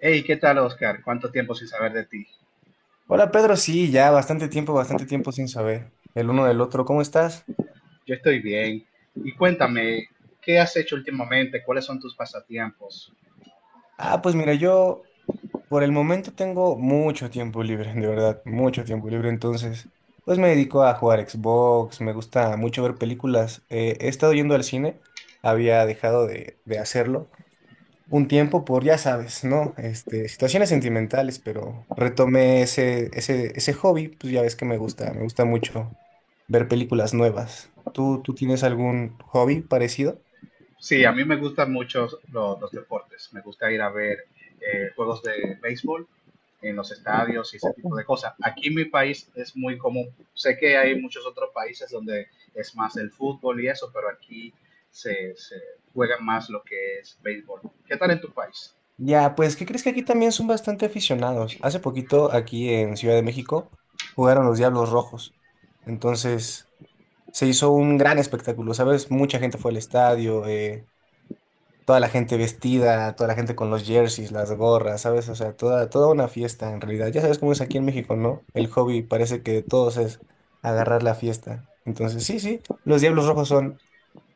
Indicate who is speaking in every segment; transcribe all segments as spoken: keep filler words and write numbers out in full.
Speaker 1: Hey, ¿qué tal, Oscar? ¿Cuánto tiempo sin saber de ti?
Speaker 2: Hola Pedro, sí, ya bastante tiempo, bastante tiempo sin saber el uno del otro. ¿Cómo estás?
Speaker 1: Yo estoy bien. Y cuéntame, ¿qué has hecho últimamente? ¿Cuáles son tus pasatiempos?
Speaker 2: Ah, pues mira, yo por el momento tengo mucho tiempo libre, de verdad, mucho tiempo libre. Entonces, pues me dedico a jugar Xbox, me gusta mucho ver películas. Eh, he estado yendo al cine, había dejado de, de hacerlo. Un tiempo por, ya sabes, ¿no? Este, situaciones sentimentales, pero retomé ese, ese, ese hobby, pues ya ves que me gusta, me gusta mucho ver películas nuevas. ¿Tú, tú tienes algún hobby parecido?
Speaker 1: Sí, a mí me gustan mucho lo- los deportes. Me gusta ir a ver eh, juegos de béisbol en los estadios y ese
Speaker 2: O-
Speaker 1: tipo de cosas. Aquí en mi país es muy común. Sé que hay muchos otros países donde es más el fútbol y eso, pero aquí se, se juega más lo que es béisbol. ¿Qué tal en tu país?
Speaker 2: Ya, pues, ¿qué crees que aquí también son bastante aficionados? Hace poquito, aquí en Ciudad de México, jugaron los Diablos Rojos. Entonces, se hizo un gran espectáculo, ¿sabes? Mucha gente fue al estadio, eh, toda la gente vestida, toda la gente con los jerseys, las gorras, ¿sabes? O sea, toda, toda una fiesta en realidad. Ya sabes cómo es aquí en México, ¿no? El hobby parece que de todos es agarrar la fiesta. Entonces, sí, sí, los Diablos Rojos son,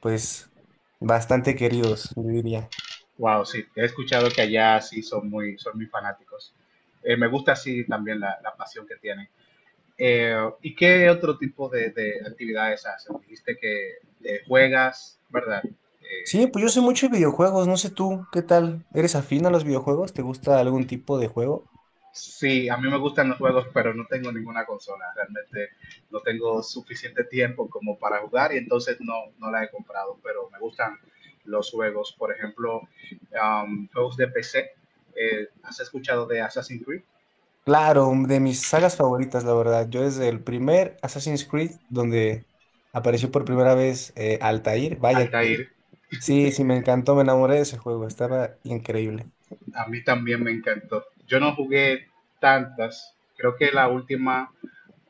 Speaker 2: pues, bastante queridos, yo diría.
Speaker 1: Wow, sí, he escuchado que allá sí son muy, son muy fanáticos. Eh, me gusta así también la, la pasión que tienen. Eh, ¿Y qué otro tipo de, de actividades hacen? Dijiste que eh, juegas, ¿verdad?
Speaker 2: Sí,
Speaker 1: Eh,
Speaker 2: pues yo sé
Speaker 1: cons-
Speaker 2: mucho de videojuegos, no sé tú, ¿qué tal? ¿Eres afín a los videojuegos? ¿Te gusta algún tipo de juego?
Speaker 1: sí, a mí me gustan los juegos, pero no tengo ninguna consola. Realmente no tengo suficiente tiempo como para jugar y entonces no, no la he comprado, pero me gustan los juegos. Por ejemplo, um, juegos de P C. Eh, ¿has escuchado de Assassin's Creed?
Speaker 2: Claro, de mis sagas favoritas, la verdad. Yo desde el primer Assassin's Creed, donde apareció por primera vez eh, Altair, vaya que
Speaker 1: Altair.
Speaker 2: sí, sí, me encantó, me enamoré de ese juego, estaba increíble.
Speaker 1: A mí también me encantó. Yo no jugué tantas. Creo que la última,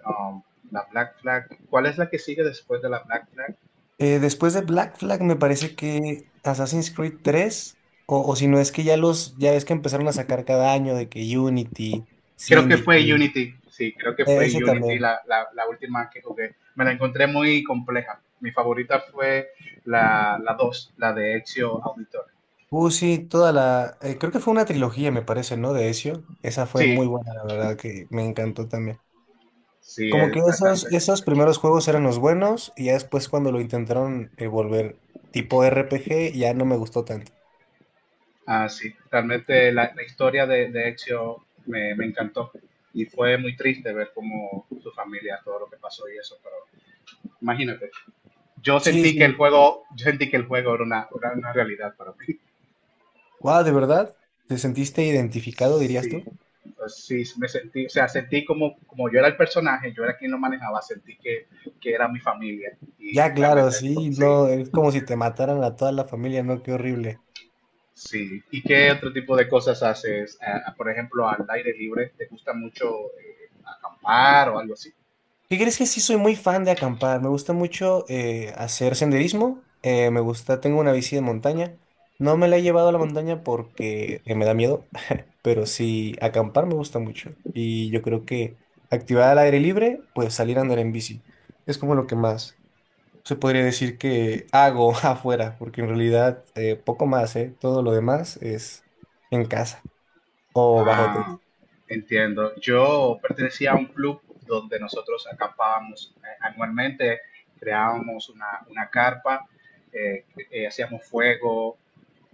Speaker 1: um, la Black Flag. ¿Cuál es la que sigue después de la Black Flag?
Speaker 2: Eh, después de Black Flag me parece que Assassin's Creed tres o, o si no es que ya los, ya ves que empezaron a sacar cada año de que Unity,
Speaker 1: Creo que
Speaker 2: Syndicate,
Speaker 1: fue Unity. Sí, creo que
Speaker 2: eh,
Speaker 1: fue
Speaker 2: ese
Speaker 1: Unity
Speaker 2: también.
Speaker 1: la, la, la última que jugué. Me la encontré muy compleja. Mi favorita fue la, la dos la de Ezio Auditor.
Speaker 2: Uh, sí, toda la, eh, creo que fue una trilogía, me parece, ¿no? De Ezio. Esa fue muy
Speaker 1: Sí,
Speaker 2: buena, la verdad, que me encantó también.
Speaker 1: sí,
Speaker 2: Como que
Speaker 1: es
Speaker 2: esos,
Speaker 1: bastante.
Speaker 2: esos primeros juegos eran los buenos, y ya después cuando lo intentaron eh, volver tipo R P G, ya no me gustó tanto.
Speaker 1: Ah, sí, realmente la, la historia de, de Ezio me, me encantó. Y fue muy triste ver cómo su familia, todo lo que pasó y eso, pero imagínate. Yo
Speaker 2: Sí,
Speaker 1: sentí que el
Speaker 2: sí.
Speaker 1: juego, yo sentí que el juego era una, era una realidad para mí.
Speaker 2: Wow, ¿de verdad? ¿Te sentiste identificado, dirías
Speaker 1: Sí.
Speaker 2: tú?
Speaker 1: Pues sí, me sentí, o sea, sentí como, como yo era el personaje, yo era quien lo manejaba, sentí que, que era mi familia y
Speaker 2: Ya, claro,
Speaker 1: realmente
Speaker 2: sí,
Speaker 1: sí,
Speaker 2: no, es como si te mataran a toda la familia, ¿no? Qué horrible.
Speaker 1: sí. ¿Y qué otro tipo de cosas haces? Ah, por ejemplo, al aire libre, ¿te gusta mucho eh, acampar o algo así?
Speaker 2: ¿Qué crees que sí soy muy fan de acampar? Me gusta mucho eh, hacer senderismo, eh, me gusta, tengo una bici de montaña. No me la he llevado a la montaña porque eh, me da miedo, pero sí, acampar me gusta mucho. Y yo creo que actividad al aire libre, pues salir a andar en bici. Es como lo que más se podría decir que hago afuera, porque en realidad eh, poco más, ¿eh? Todo lo demás es en casa o bajo techo.
Speaker 1: Ah, entiendo. Yo pertenecía a un club donde nosotros acampábamos eh, anualmente, creábamos una, una carpa, eh, eh, hacíamos fuego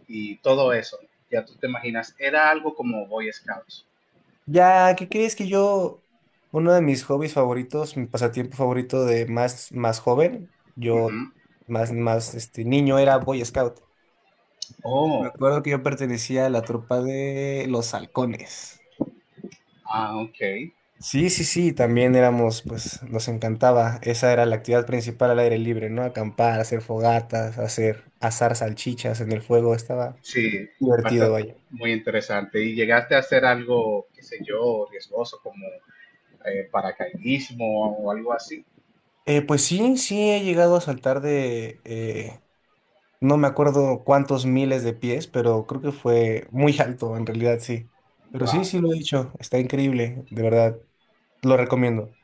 Speaker 1: y todo eso. Ya tú te imaginas, era algo como Boy Scouts.
Speaker 2: Ya, ¿qué crees que yo, uno de mis hobbies favoritos, mi pasatiempo favorito de más, más joven, yo
Speaker 1: Ujú.
Speaker 2: más, más este, niño era Boy Scout. Me
Speaker 1: Oh,
Speaker 2: acuerdo que yo pertenecía a la tropa de los halcones.
Speaker 1: ah, ok.
Speaker 2: Sí, sí, sí, también éramos, pues nos encantaba. Esa era la actividad principal al aire libre, ¿no? Acampar, hacer fogatas, hacer asar salchichas en el fuego, estaba
Speaker 1: Sí,
Speaker 2: divertido,
Speaker 1: bastante,
Speaker 2: vaya.
Speaker 1: muy interesante. ¿Y llegaste a hacer algo, qué sé yo, riesgoso como eh, paracaidismo o algo así?
Speaker 2: Eh, pues sí, sí, he llegado a saltar de, eh, no me acuerdo cuántos miles de pies, pero creo que fue muy alto, en realidad sí. Pero sí,
Speaker 1: Wow.
Speaker 2: sí lo he dicho, está increíble, de verdad, lo recomiendo.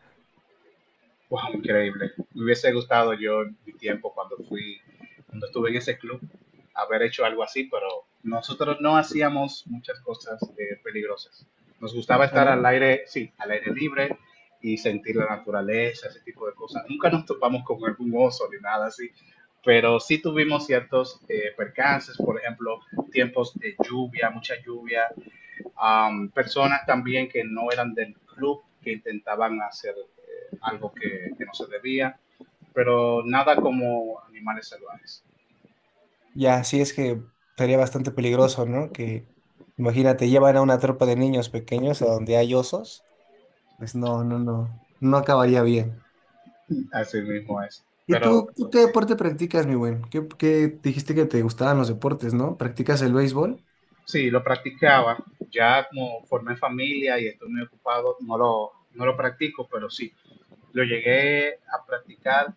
Speaker 1: Wow, increíble. Me hubiese gustado yo en mi tiempo cuando fui, cuando estuve en ese club, haber hecho algo así, pero nosotros no hacíamos muchas cosas eh, peligrosas. Nos gustaba
Speaker 2: Ah,
Speaker 1: estar al
Speaker 2: ¿no?
Speaker 1: aire, sí, al aire libre y sentir la naturaleza, ese tipo de cosas. Nunca nos topamos con algún oso ni nada así, pero sí tuvimos ciertos eh, percances, por ejemplo, tiempos de lluvia, mucha lluvia, um, personas también que no eran del club, que intentaban hacer eh, algo que, que no se debía, pero nada como animales salvajes.
Speaker 2: Ya, sí es que sería bastante peligroso, ¿no? Que, imagínate, llevan a una tropa de niños pequeños a donde hay osos. Pues no, no, no, no acabaría bien.
Speaker 1: Así mismo es.
Speaker 2: ¿Y
Speaker 1: Pero
Speaker 2: tú, tú qué
Speaker 1: sí,
Speaker 2: deporte practicas, mi buen? ¿Qué, qué dijiste que te gustaban los deportes, ¿no? ¿Practicas el béisbol?
Speaker 1: sí, lo practicaba. Ya como formé familia y estoy muy ocupado, no lo, no lo practico, pero sí, lo llegué a practicar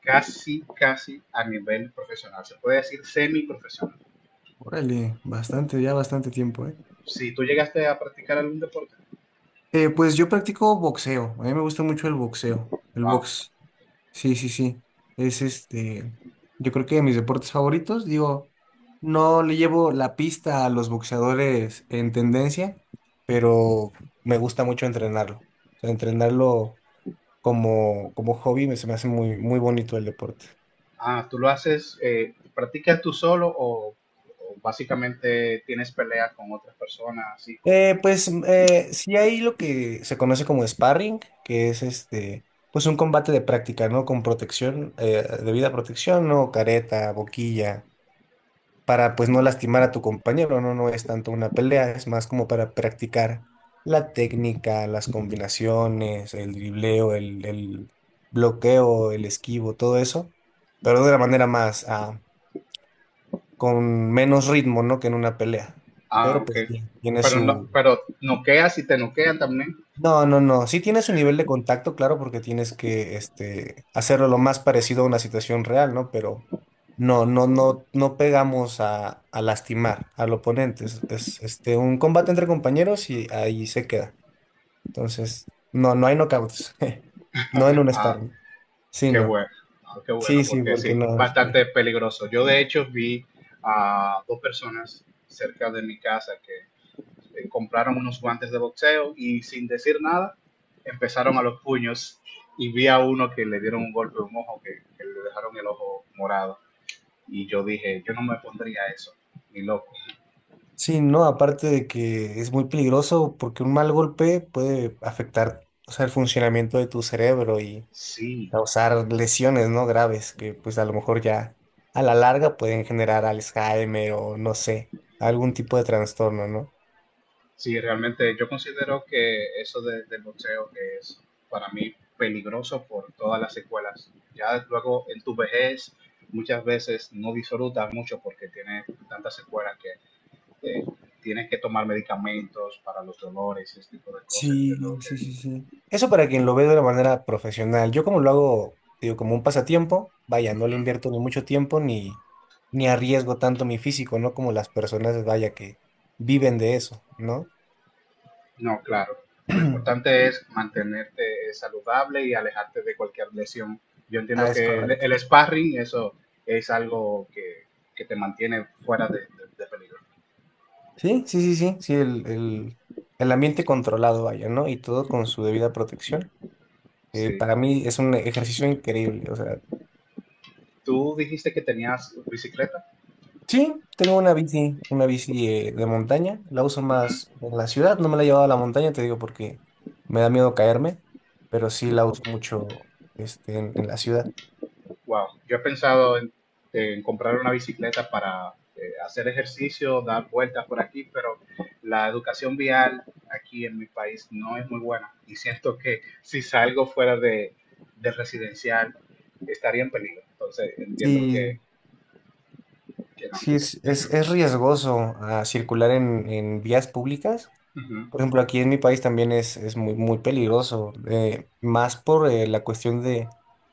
Speaker 1: casi, casi a nivel profesional. Se puede decir semi-profesional.
Speaker 2: Órale, bastante, ya bastante tiempo, ¿eh?
Speaker 1: Si tú llegaste a practicar algún deporte,
Speaker 2: Eh, pues yo practico boxeo. A mí me gusta mucho el boxeo, el
Speaker 1: wow.
Speaker 2: box. Sí, sí, sí. Es este, yo creo que de mis deportes favoritos, digo, no le llevo la pista a los boxeadores en tendencia, pero me gusta mucho entrenarlo. O sea, entrenarlo como, como hobby me, se me hace muy, muy bonito el deporte.
Speaker 1: Ah, tú lo haces, eh, ¿practicas tú solo o, o básicamente tienes peleas con otras personas, así como?
Speaker 2: Eh, pues mm, eh, sí hay lo que se conoce como sparring, que es este, pues un combate de práctica, ¿no? Con protección, eh, debida protección, ¿no? Careta, boquilla para pues no lastimar a tu compañero, ¿no? No es tanto una pelea, es más como para practicar la técnica, las combinaciones, el dribleo, el, el bloqueo, el esquivo, todo eso, pero de una manera más, ah, con menos ritmo, ¿no? Que en una pelea.
Speaker 1: Ah,
Speaker 2: Pero
Speaker 1: ok.
Speaker 2: pues sí, tiene
Speaker 1: Pero no,
Speaker 2: su,
Speaker 1: pero noqueas y te noquean también.
Speaker 2: no, no, no. Sí tienes un nivel de contacto, claro, porque tienes que este, hacerlo lo más parecido a una situación real, ¿no? Pero no, no, no, no pegamos a, a lastimar al oponente. Es, es, este, un combate entre compañeros y ahí se queda. Entonces, no, no hay knockouts. No en un
Speaker 1: Ah,
Speaker 2: sparring. Sí,
Speaker 1: qué
Speaker 2: no.
Speaker 1: bueno, ah, qué bueno,
Speaker 2: Sí, sí,
Speaker 1: porque
Speaker 2: porque
Speaker 1: sí,
Speaker 2: no.
Speaker 1: bastante peligroso. Yo de hecho vi a dos personas cerca de mi casa que eh, compraron unos guantes de boxeo y sin decir nada empezaron a los puños y vi a uno que le dieron un golpe en un ojo que, que le dejaron el ojo morado. Y yo dije, yo no me pondría eso, ni loco.
Speaker 2: Sí, no, aparte de que es muy peligroso porque un mal golpe puede afectar, o sea, el funcionamiento de tu cerebro y
Speaker 1: Sí,
Speaker 2: causar lesiones, ¿no? Graves, que pues a lo mejor ya a la larga pueden generar Alzheimer o no sé, algún tipo de trastorno, ¿no?
Speaker 1: sí, realmente yo considero que eso de- del boxeo que es para mí peligroso por todas las secuelas. Ya luego en tu vejez muchas veces no disfrutas mucho porque tienes tantas secuelas que eh, tienes que tomar medicamentos para los dolores y ese tipo de cosas.
Speaker 2: Sí,
Speaker 1: Entiendo
Speaker 2: sí,
Speaker 1: que
Speaker 2: sí, sí. Eso para quien lo ve de una manera profesional. Yo como lo hago, digo, como un pasatiempo, vaya, no le invierto ni mucho tiempo ni, ni arriesgo tanto mi físico, ¿no? Como las personas, vaya, que viven de eso, ¿no?
Speaker 1: no, claro. Lo importante es mantenerte eh, saludable y alejarte de cualquier lesión. Yo
Speaker 2: Ah,
Speaker 1: entiendo
Speaker 2: es
Speaker 1: que el,
Speaker 2: correcto.
Speaker 1: el sparring, eso es algo que, que te mantiene fuera de, de- de peligro.
Speaker 2: Sí, sí, sí, sí, sí, el, el, el ambiente controlado, vaya, ¿no? Y todo con su debida protección. Eh,
Speaker 1: Sí.
Speaker 2: para mí es un ejercicio increíble. O sea,
Speaker 1: Tú dijiste que tenías bicicleta.
Speaker 2: sí, tengo una bici, una bici eh, de montaña. La uso más en la ciudad. No me la he llevado a la montaña, te digo, porque me da miedo caerme, pero sí la uso mucho este, en, en la ciudad.
Speaker 1: Wow, yo he pensado en, en comprar una bicicleta para eh, hacer ejercicio, dar vueltas por aquí, pero la educación vial aquí en mi país no es muy buena y siento que si salgo fuera de, del residencial estaría en peligro. Entonces entiendo que,
Speaker 2: Sí,
Speaker 1: que no.
Speaker 2: sí es, es, es riesgoso ah, circular en, en vías públicas.
Speaker 1: Ujú,
Speaker 2: Por ejemplo, aquí en mi país también es, es muy, muy peligroso, eh, más por eh, la cuestión de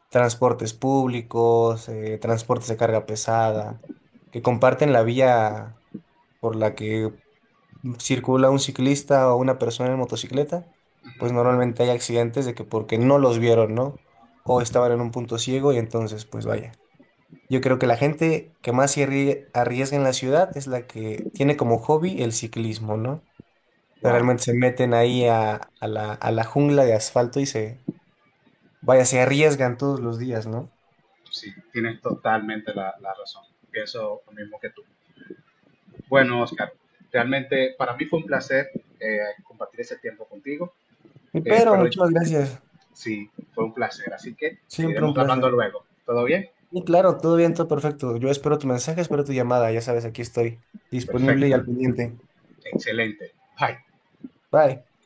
Speaker 2: transportes públicos, eh, transportes de carga pesada, que comparten la vía por la que circula un ciclista o una persona en motocicleta,
Speaker 1: ujú.
Speaker 2: pues normalmente hay accidentes de que porque no los vieron, ¿no? O estaban en un punto ciego y entonces, pues vaya. Yo creo que la gente que más se arrie- arriesga en la ciudad es la que tiene como hobby el ciclismo, ¿no? Sea,
Speaker 1: Wow,
Speaker 2: realmente se meten ahí a, a la, a la jungla de asfalto y se, vaya, se arriesgan todos los días, ¿no?
Speaker 1: sí, tienes totalmente la, la razón. Pienso lo mismo que tú. Bueno, Oscar, realmente para mí fue un placer eh, compartir ese tiempo contigo.
Speaker 2: Y
Speaker 1: Eh,
Speaker 2: Pedro,
Speaker 1: pero
Speaker 2: muchas gracias.
Speaker 1: sí, fue un placer. Así que
Speaker 2: Siempre un
Speaker 1: seguiremos hablando
Speaker 2: placer.
Speaker 1: luego. ¿Todo bien?
Speaker 2: Y claro, todo bien, todo perfecto. Yo espero tu mensaje, espero tu llamada. Ya sabes, aquí estoy disponible y
Speaker 1: Perfecto.
Speaker 2: al pendiente.
Speaker 1: Excelente. Bye.
Speaker 2: Bye.